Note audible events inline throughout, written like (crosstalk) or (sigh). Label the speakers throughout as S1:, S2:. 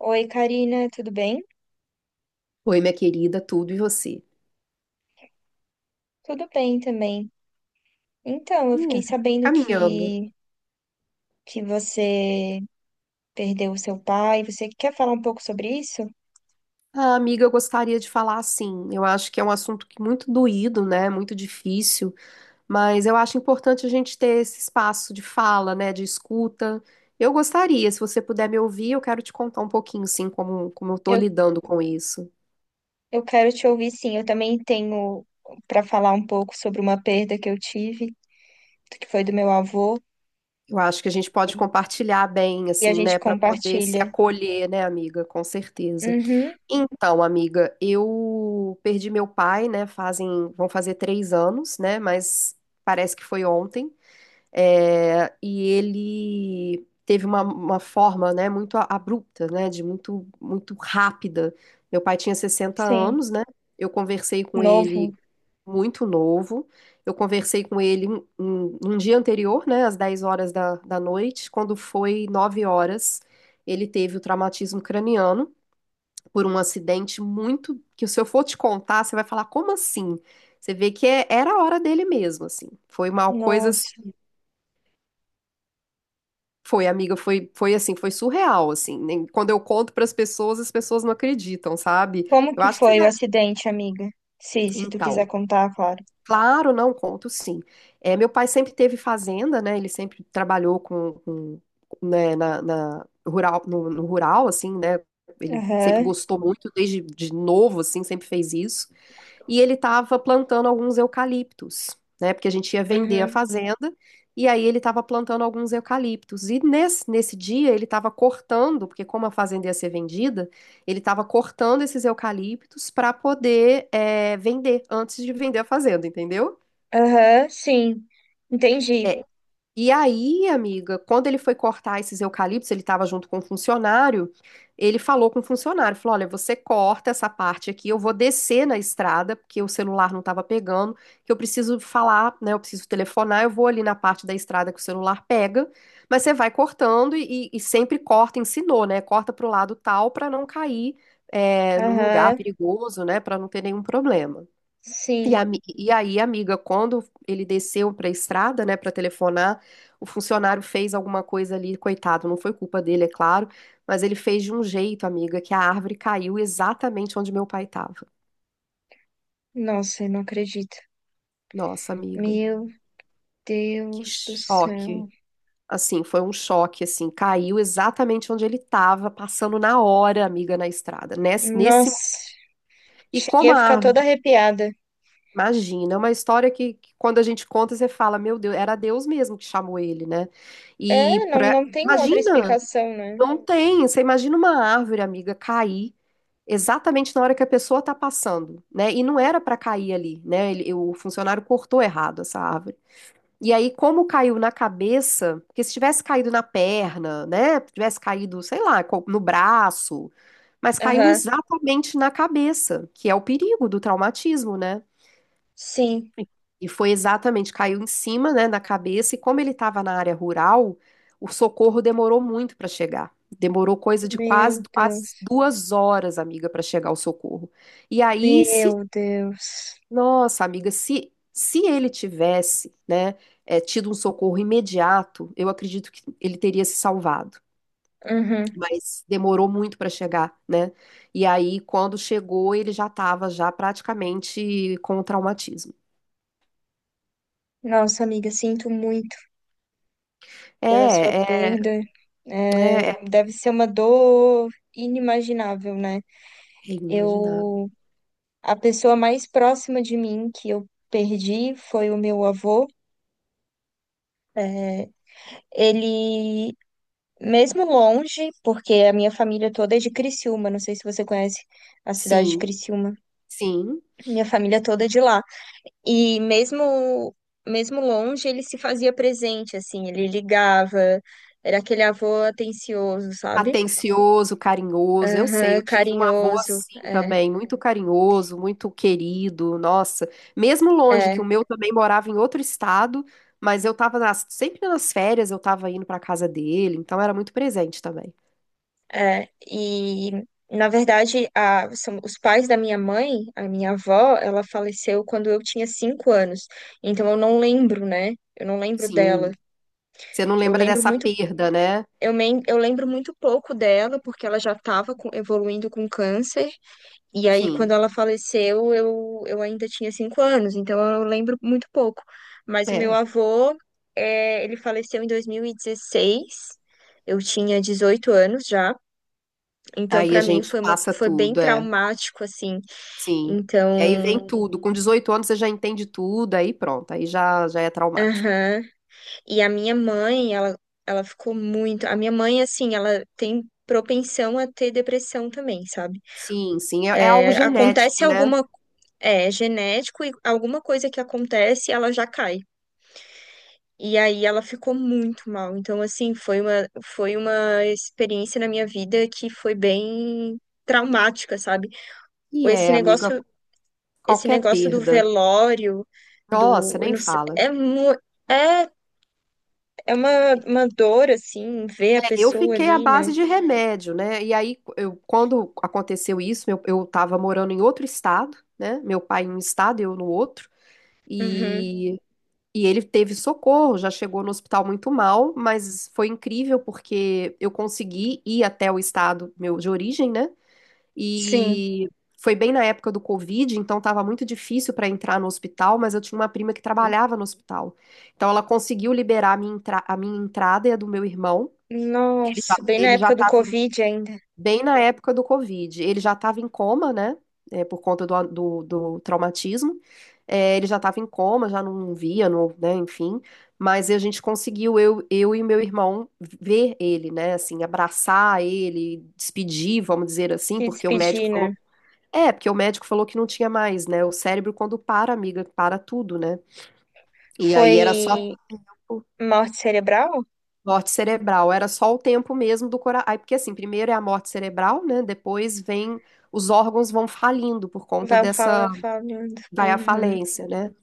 S1: Oi, Karina, tudo bem?
S2: Oi, minha querida, tudo e você?
S1: Tudo bem também. Então, eu fiquei
S2: É.
S1: sabendo
S2: Caminhando.
S1: que você perdeu o seu pai. Você quer falar um pouco sobre isso?
S2: Ah, amiga, eu gostaria de falar assim. Eu acho que é um assunto que muito doído, né? Muito difícil, mas eu acho importante a gente ter esse espaço de fala, né? De escuta. Eu gostaria, se você puder me ouvir, eu quero te contar um pouquinho, assim, como eu tô
S1: Eu,
S2: lidando com isso.
S1: eu quero te ouvir, sim. Eu também tenho para falar um pouco sobre uma perda que eu tive, que foi do meu avô,
S2: Eu acho que a gente pode compartilhar bem,
S1: e a
S2: assim,
S1: gente
S2: né? Para poder se
S1: compartilha.
S2: acolher, né, amiga? Com certeza.
S1: Uhum,
S2: Então, amiga, eu perdi meu pai, né? Fazem, vão fazer 3 anos, né? Mas parece que foi ontem. É, e ele teve uma forma, né? Muito abrupta, né? De muito rápida. Meu pai tinha sessenta
S1: sim.
S2: anos, né? Eu conversei com
S1: Novo.
S2: ele muito novo. Eu conversei com ele um dia anterior, né? Às 10 horas da noite. Quando foi 9 horas, ele teve o traumatismo craniano por um acidente muito que se eu for te contar, você vai falar, como assim? Você vê que era a hora dele mesmo, assim. Foi uma coisa assim,
S1: Nossa.
S2: foi, assim, foi surreal, assim. Quando eu conto para as pessoas não acreditam, sabe?
S1: Como
S2: Eu
S1: que
S2: acho que você
S1: foi o
S2: deve.
S1: acidente, amiga? Se tu quiser
S2: Então,
S1: contar, claro.
S2: claro, não conto, sim. É, meu pai sempre teve fazenda, né? Ele sempre trabalhou né, na rural, no rural, assim, né? Ele sempre
S1: Aham,
S2: gostou muito desde de novo, assim, sempre fez isso. E ele estava plantando alguns eucaliptos, né? Porque a gente ia vender a
S1: uhum,
S2: fazenda, e aí ele estava plantando alguns eucaliptos. E nesse dia ele estava cortando, porque como a fazenda ia ser vendida, ele estava cortando esses eucaliptos para poder vender antes de vender a fazenda, entendeu?
S1: aham, sim. Entendi.
S2: E aí, amiga, quando ele foi cortar esses eucaliptos, ele estava junto com um funcionário, ele falou com o funcionário, falou, olha, você corta essa parte aqui, eu vou descer na estrada, porque o celular não estava pegando, que eu preciso falar, né, eu preciso telefonar, eu vou ali na parte da estrada que o celular pega, mas você vai cortando e sempre corta, ensinou, né, corta para o lado tal para não cair num lugar
S1: Aham,
S2: perigoso, né, para não ter nenhum problema. E, a,
S1: sim.
S2: mi- e aí, amiga, quando ele desceu para a estrada, né, para telefonar, o funcionário fez alguma coisa ali, coitado, não foi culpa dele, é claro, mas ele fez de um jeito, amiga, que a árvore caiu exatamente onde meu pai estava.
S1: Nossa, eu não acredito.
S2: Nossa, amiga,
S1: Meu
S2: que
S1: Deus do céu.
S2: choque. Assim, foi um choque, assim, caiu exatamente onde ele estava, passando na hora, amiga, na estrada. Nesse, nesse,
S1: Nossa,
S2: e
S1: cheguei
S2: como
S1: a
S2: a
S1: ficar toda arrepiada.
S2: Imagina, é uma história que quando a gente conta, você fala, meu Deus, era Deus mesmo que chamou ele, né?
S1: É,
S2: E
S1: não,
S2: pra...
S1: não tem outra
S2: Imagina,
S1: explicação, né?
S2: não tem. Você imagina uma árvore, amiga, cair exatamente na hora que a pessoa tá passando, né? E não era pra cair ali, né? O funcionário cortou errado essa árvore. E aí, como caiu na cabeça, porque se tivesse caído na perna, né? Tivesse caído, sei lá, no braço, mas caiu
S1: Aham,
S2: exatamente na cabeça, que é o perigo do traumatismo, né?
S1: sim.
S2: E foi exatamente, caiu em cima, né, na cabeça, e como ele estava na área rural, o socorro demorou muito para chegar. Demorou coisa de quase,
S1: Meu
S2: quase
S1: Deus.
S2: 2 horas, amiga, para chegar o socorro. E aí, se,
S1: Meu Deus.
S2: nossa, amiga, se ele tivesse, né, tido um socorro imediato, eu acredito que ele teria se salvado.
S1: Uhum.
S2: Mas demorou muito para chegar, né? E aí, quando chegou, ele já estava já praticamente com o traumatismo.
S1: Nossa, amiga, sinto muito pela sua
S2: É, é,
S1: perda. É,
S2: é,
S1: deve ser uma dor inimaginável, né?
S2: É inimaginável.
S1: Eu, a pessoa mais próxima de mim que eu perdi foi o meu avô. É, ele, mesmo longe, porque a minha família toda é de Criciúma, não sei se você conhece a cidade de
S2: Sim,
S1: Criciúma,
S2: sim.
S1: minha família toda é de lá. E mesmo longe, ele se fazia presente, assim, ele ligava, era aquele avô atencioso, sabe?
S2: Atencioso, carinhoso. Eu sei,
S1: Aham,
S2: eu tive um avô
S1: carinhoso.
S2: assim
S1: É,
S2: também, muito carinhoso, muito querido. Nossa, mesmo longe, que o
S1: é.
S2: meu também morava em outro estado, mas eu tava sempre nas férias, eu tava indo pra casa dele, então era muito presente também.
S1: É, e, na verdade, são os pais da minha mãe. A minha avó, ela faleceu quando eu tinha 5 anos. Então, eu não lembro, né? Eu não lembro dela.
S2: Sim. Você não
S1: Eu
S2: lembra
S1: lembro
S2: dessa
S1: muito,
S2: perda, né?
S1: eu lembro muito pouco dela, porque ela já estava evoluindo com câncer. E aí, quando
S2: Sim.
S1: ela faleceu, eu ainda tinha 5 anos. Então, eu lembro muito pouco. Mas o meu
S2: É.
S1: avô, é, ele faleceu em 2016. Eu tinha 18 anos já. Então,
S2: Aí a
S1: para mim
S2: gente
S1: foi uma,
S2: passa
S1: foi bem
S2: tudo, é.
S1: traumático assim.
S2: Sim. Que aí
S1: Então,
S2: vem tudo. Com 18 anos você já entende tudo, aí pronto, aí já é traumático.
S1: aham. E a minha mãe, ela ficou muito, a minha mãe assim, ela tem propensão a ter depressão também, sabe?
S2: Sim, sim, é, é algo
S1: É,
S2: genético,
S1: acontece
S2: né?
S1: alguma é genético e alguma coisa que acontece, ela já cai. E aí ela ficou muito mal. Então, assim, foi uma experiência na minha vida que foi bem traumática, sabe?
S2: E
S1: Esse
S2: é, amiga,
S1: negócio esse
S2: qualquer
S1: negócio do
S2: perda.
S1: velório,
S2: Nossa,
S1: do, eu
S2: nem
S1: não sei,
S2: fala.
S1: é, é, é, uma dor, assim, ver a
S2: É, eu
S1: pessoa
S2: fiquei à
S1: ali, né?
S2: base de remédio, né? E aí, eu, quando aconteceu isso, eu estava morando em outro estado, né? Meu pai em um estado, eu no outro.
S1: Uhum,
S2: E, e ele teve socorro, já chegou no hospital muito mal, mas foi incrível porque eu consegui ir até o estado meu de origem, né?
S1: sim.
S2: E foi bem na época do Covid, então estava muito difícil para entrar no hospital, mas eu tinha uma prima que trabalhava no hospital. Então ela conseguiu liberar a minha, a minha entrada e a do meu irmão.
S1: Nossa, bem na
S2: Ele já
S1: época do
S2: estava
S1: Covid ainda,
S2: bem na época do Covid. Ele já estava em coma, né? É, por conta do traumatismo. É, ele já estava em coma, já não via, não, né? Enfim. Mas a gente conseguiu, eu e meu irmão, ver ele, né? Assim, abraçar ele, despedir, vamos dizer assim,
S1: que
S2: porque o médico
S1: despedi, né?
S2: falou que não tinha mais, né? O cérebro, quando para, amiga, para tudo, né? E aí era só
S1: Foi
S2: o
S1: morte cerebral?
S2: Morte cerebral, era só o tempo mesmo do coração. Aí, porque assim, primeiro é a morte cerebral, né? Depois vem, os órgãos vão falindo por conta dessa,
S1: Falando.
S2: vai à
S1: Uhum.
S2: falência, né?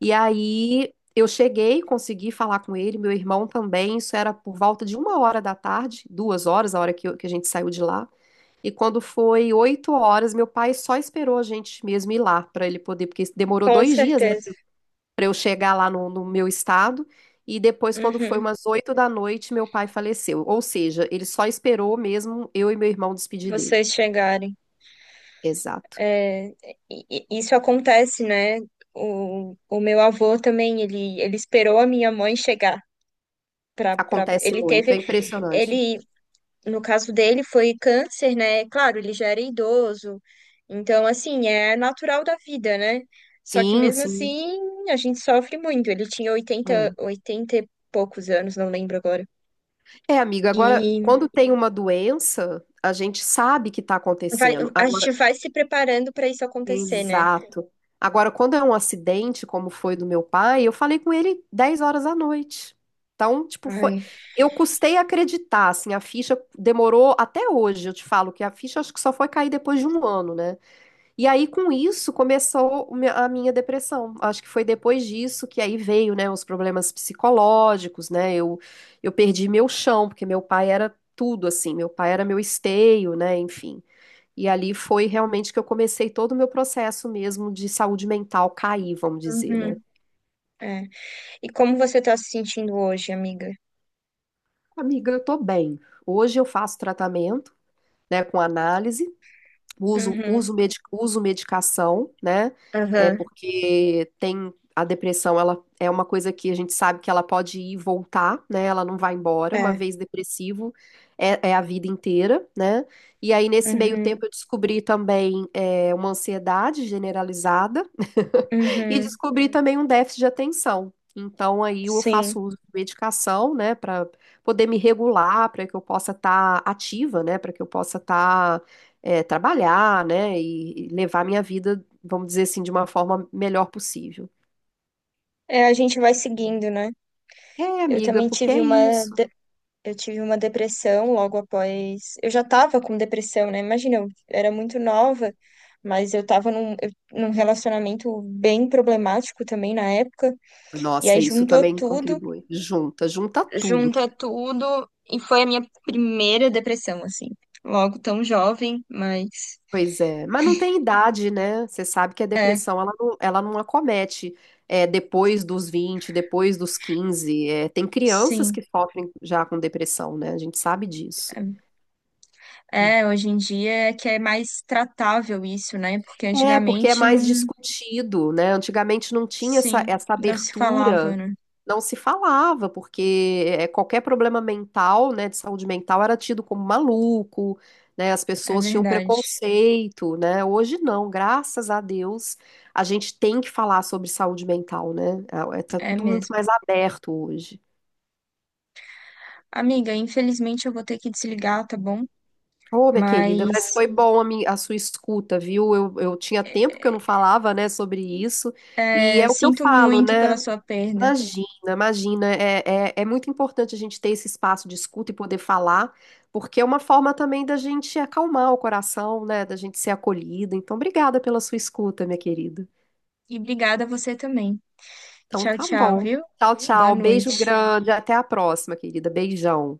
S2: E aí eu cheguei, consegui falar com ele, meu irmão também, isso era por volta de 1 hora da tarde, 2 horas, a hora que, que a gente saiu de lá. E quando foi 8 horas, meu pai só esperou a gente mesmo ir lá para ele poder, porque demorou
S1: Com
S2: 2 dias, né?
S1: certeza.
S2: Para eu chegar lá no meu estado. E depois, quando foi
S1: Uhum.
S2: umas 8 da noite, meu pai faleceu. Ou seja, ele só esperou mesmo eu e meu irmão despedir dele.
S1: Vocês chegarem.
S2: Exato.
S1: É, e, isso acontece, né? O meu avô também, ele esperou a minha mãe chegar. Pra, pra...
S2: Acontece
S1: Ele
S2: muito,
S1: teve,
S2: é impressionante.
S1: ele, no caso dele, foi câncer, né? Claro, ele já era idoso, então, assim, é natural da vida, né? Só que
S2: Sim,
S1: mesmo
S2: sim.
S1: assim, a gente sofre muito. Ele tinha oitenta
S2: É.
S1: oitenta e poucos anos, não lembro agora.
S2: É, amiga, agora,
S1: E
S2: quando tem uma doença, a gente sabe que está acontecendo.
S1: a gente vai se preparando para isso acontecer, né?
S2: Exato. Agora, quando é um acidente, como foi do meu pai, eu falei com ele 10 horas da noite. Então, tipo, foi.
S1: Ai.
S2: Eu custei acreditar, assim, a ficha demorou até hoje, eu te falo que a ficha acho que só foi cair depois de um ano, né? E aí, com isso, começou a minha depressão. Acho que foi depois disso que aí veio, né, os problemas psicológicos, né? Eu perdi meu chão, porque meu pai era tudo, assim, meu pai era meu esteio, né? Enfim. E ali foi realmente que eu comecei todo o meu processo mesmo de saúde mental cair, vamos dizer, né?
S1: Uhum, é. E como você tá se sentindo hoje, amiga?
S2: Amiga, eu tô bem. Hoje eu faço tratamento, né, com análise,
S1: Uhum,
S2: uso medicação, né? É
S1: aham,
S2: porque tem a depressão, ela é uma coisa que a gente sabe que ela pode ir e voltar, né? Ela não vai embora. Uma
S1: é.
S2: vez depressivo, é, é a vida inteira, né? E aí, nesse meio
S1: Uhum,
S2: tempo, eu descobri também uma ansiedade generalizada (laughs) e
S1: uhum,
S2: descobri também um déficit de atenção. Então, aí eu faço
S1: sim.
S2: uso de medicação, né, para poder me regular, para que eu possa estar ativa, né, para que eu possa estar trabalhar, né, e levar minha vida, vamos dizer assim, de uma forma melhor possível.
S1: É, a gente vai seguindo, né?
S2: É,
S1: Eu
S2: amiga,
S1: também
S2: porque
S1: tive
S2: é
S1: uma,
S2: isso.
S1: de- eu tive uma depressão logo após. Eu já estava com depressão, né? Imagina, eu era muito nova, mas eu estava num relacionamento bem problemático também na época. E aí
S2: Nossa, isso
S1: juntou
S2: também
S1: tudo,
S2: contribui. Junta, junta tudo.
S1: junta tudo, e foi a minha primeira depressão, assim. Logo tão jovem, mas
S2: Pois é, mas não tem idade, né? Você sabe que a depressão, ela não acomete depois dos 20, depois dos 15. É, tem crianças
S1: sim.
S2: que sofrem já com depressão, né? A gente sabe disso.
S1: É, hoje em dia é que é mais tratável isso, né? Porque
S2: É, porque é
S1: antigamente
S2: mais
S1: não,
S2: discutido, né? Antigamente não tinha essa,
S1: sim,
S2: essa
S1: não se falava,
S2: abertura
S1: né?
S2: não se falava, porque é, qualquer problema mental, né, de saúde mental era tido como maluco, né, as
S1: É
S2: pessoas tinham
S1: verdade.
S2: preconceito, né? Hoje não, graças a Deus, a gente tem que falar sobre saúde mental, né? Tá
S1: É
S2: tudo muito
S1: mesmo.
S2: mais aberto hoje.
S1: Amiga, infelizmente eu vou ter que desligar, tá bom?
S2: Ô, minha querida, mas
S1: Mas
S2: foi bom a sua escuta, viu? Eu tinha tempo que eu não falava, né, sobre isso, e
S1: é,
S2: é o que eu
S1: sinto
S2: falo,
S1: muito pela
S2: né?
S1: sua perda.
S2: Imagina, imagina. É muito importante a gente ter esse espaço de escuta e poder falar, porque é uma forma também da gente acalmar o coração, né? Da gente ser acolhida. Então, obrigada pela sua escuta, minha querida.
S1: E obrigada a você também.
S2: Então,
S1: Tchau,
S2: tá
S1: tchau,
S2: bom.
S1: viu?
S2: Tchau,
S1: Boa
S2: tchau. Beijo
S1: noite.
S2: grande. Até a próxima, querida. Beijão.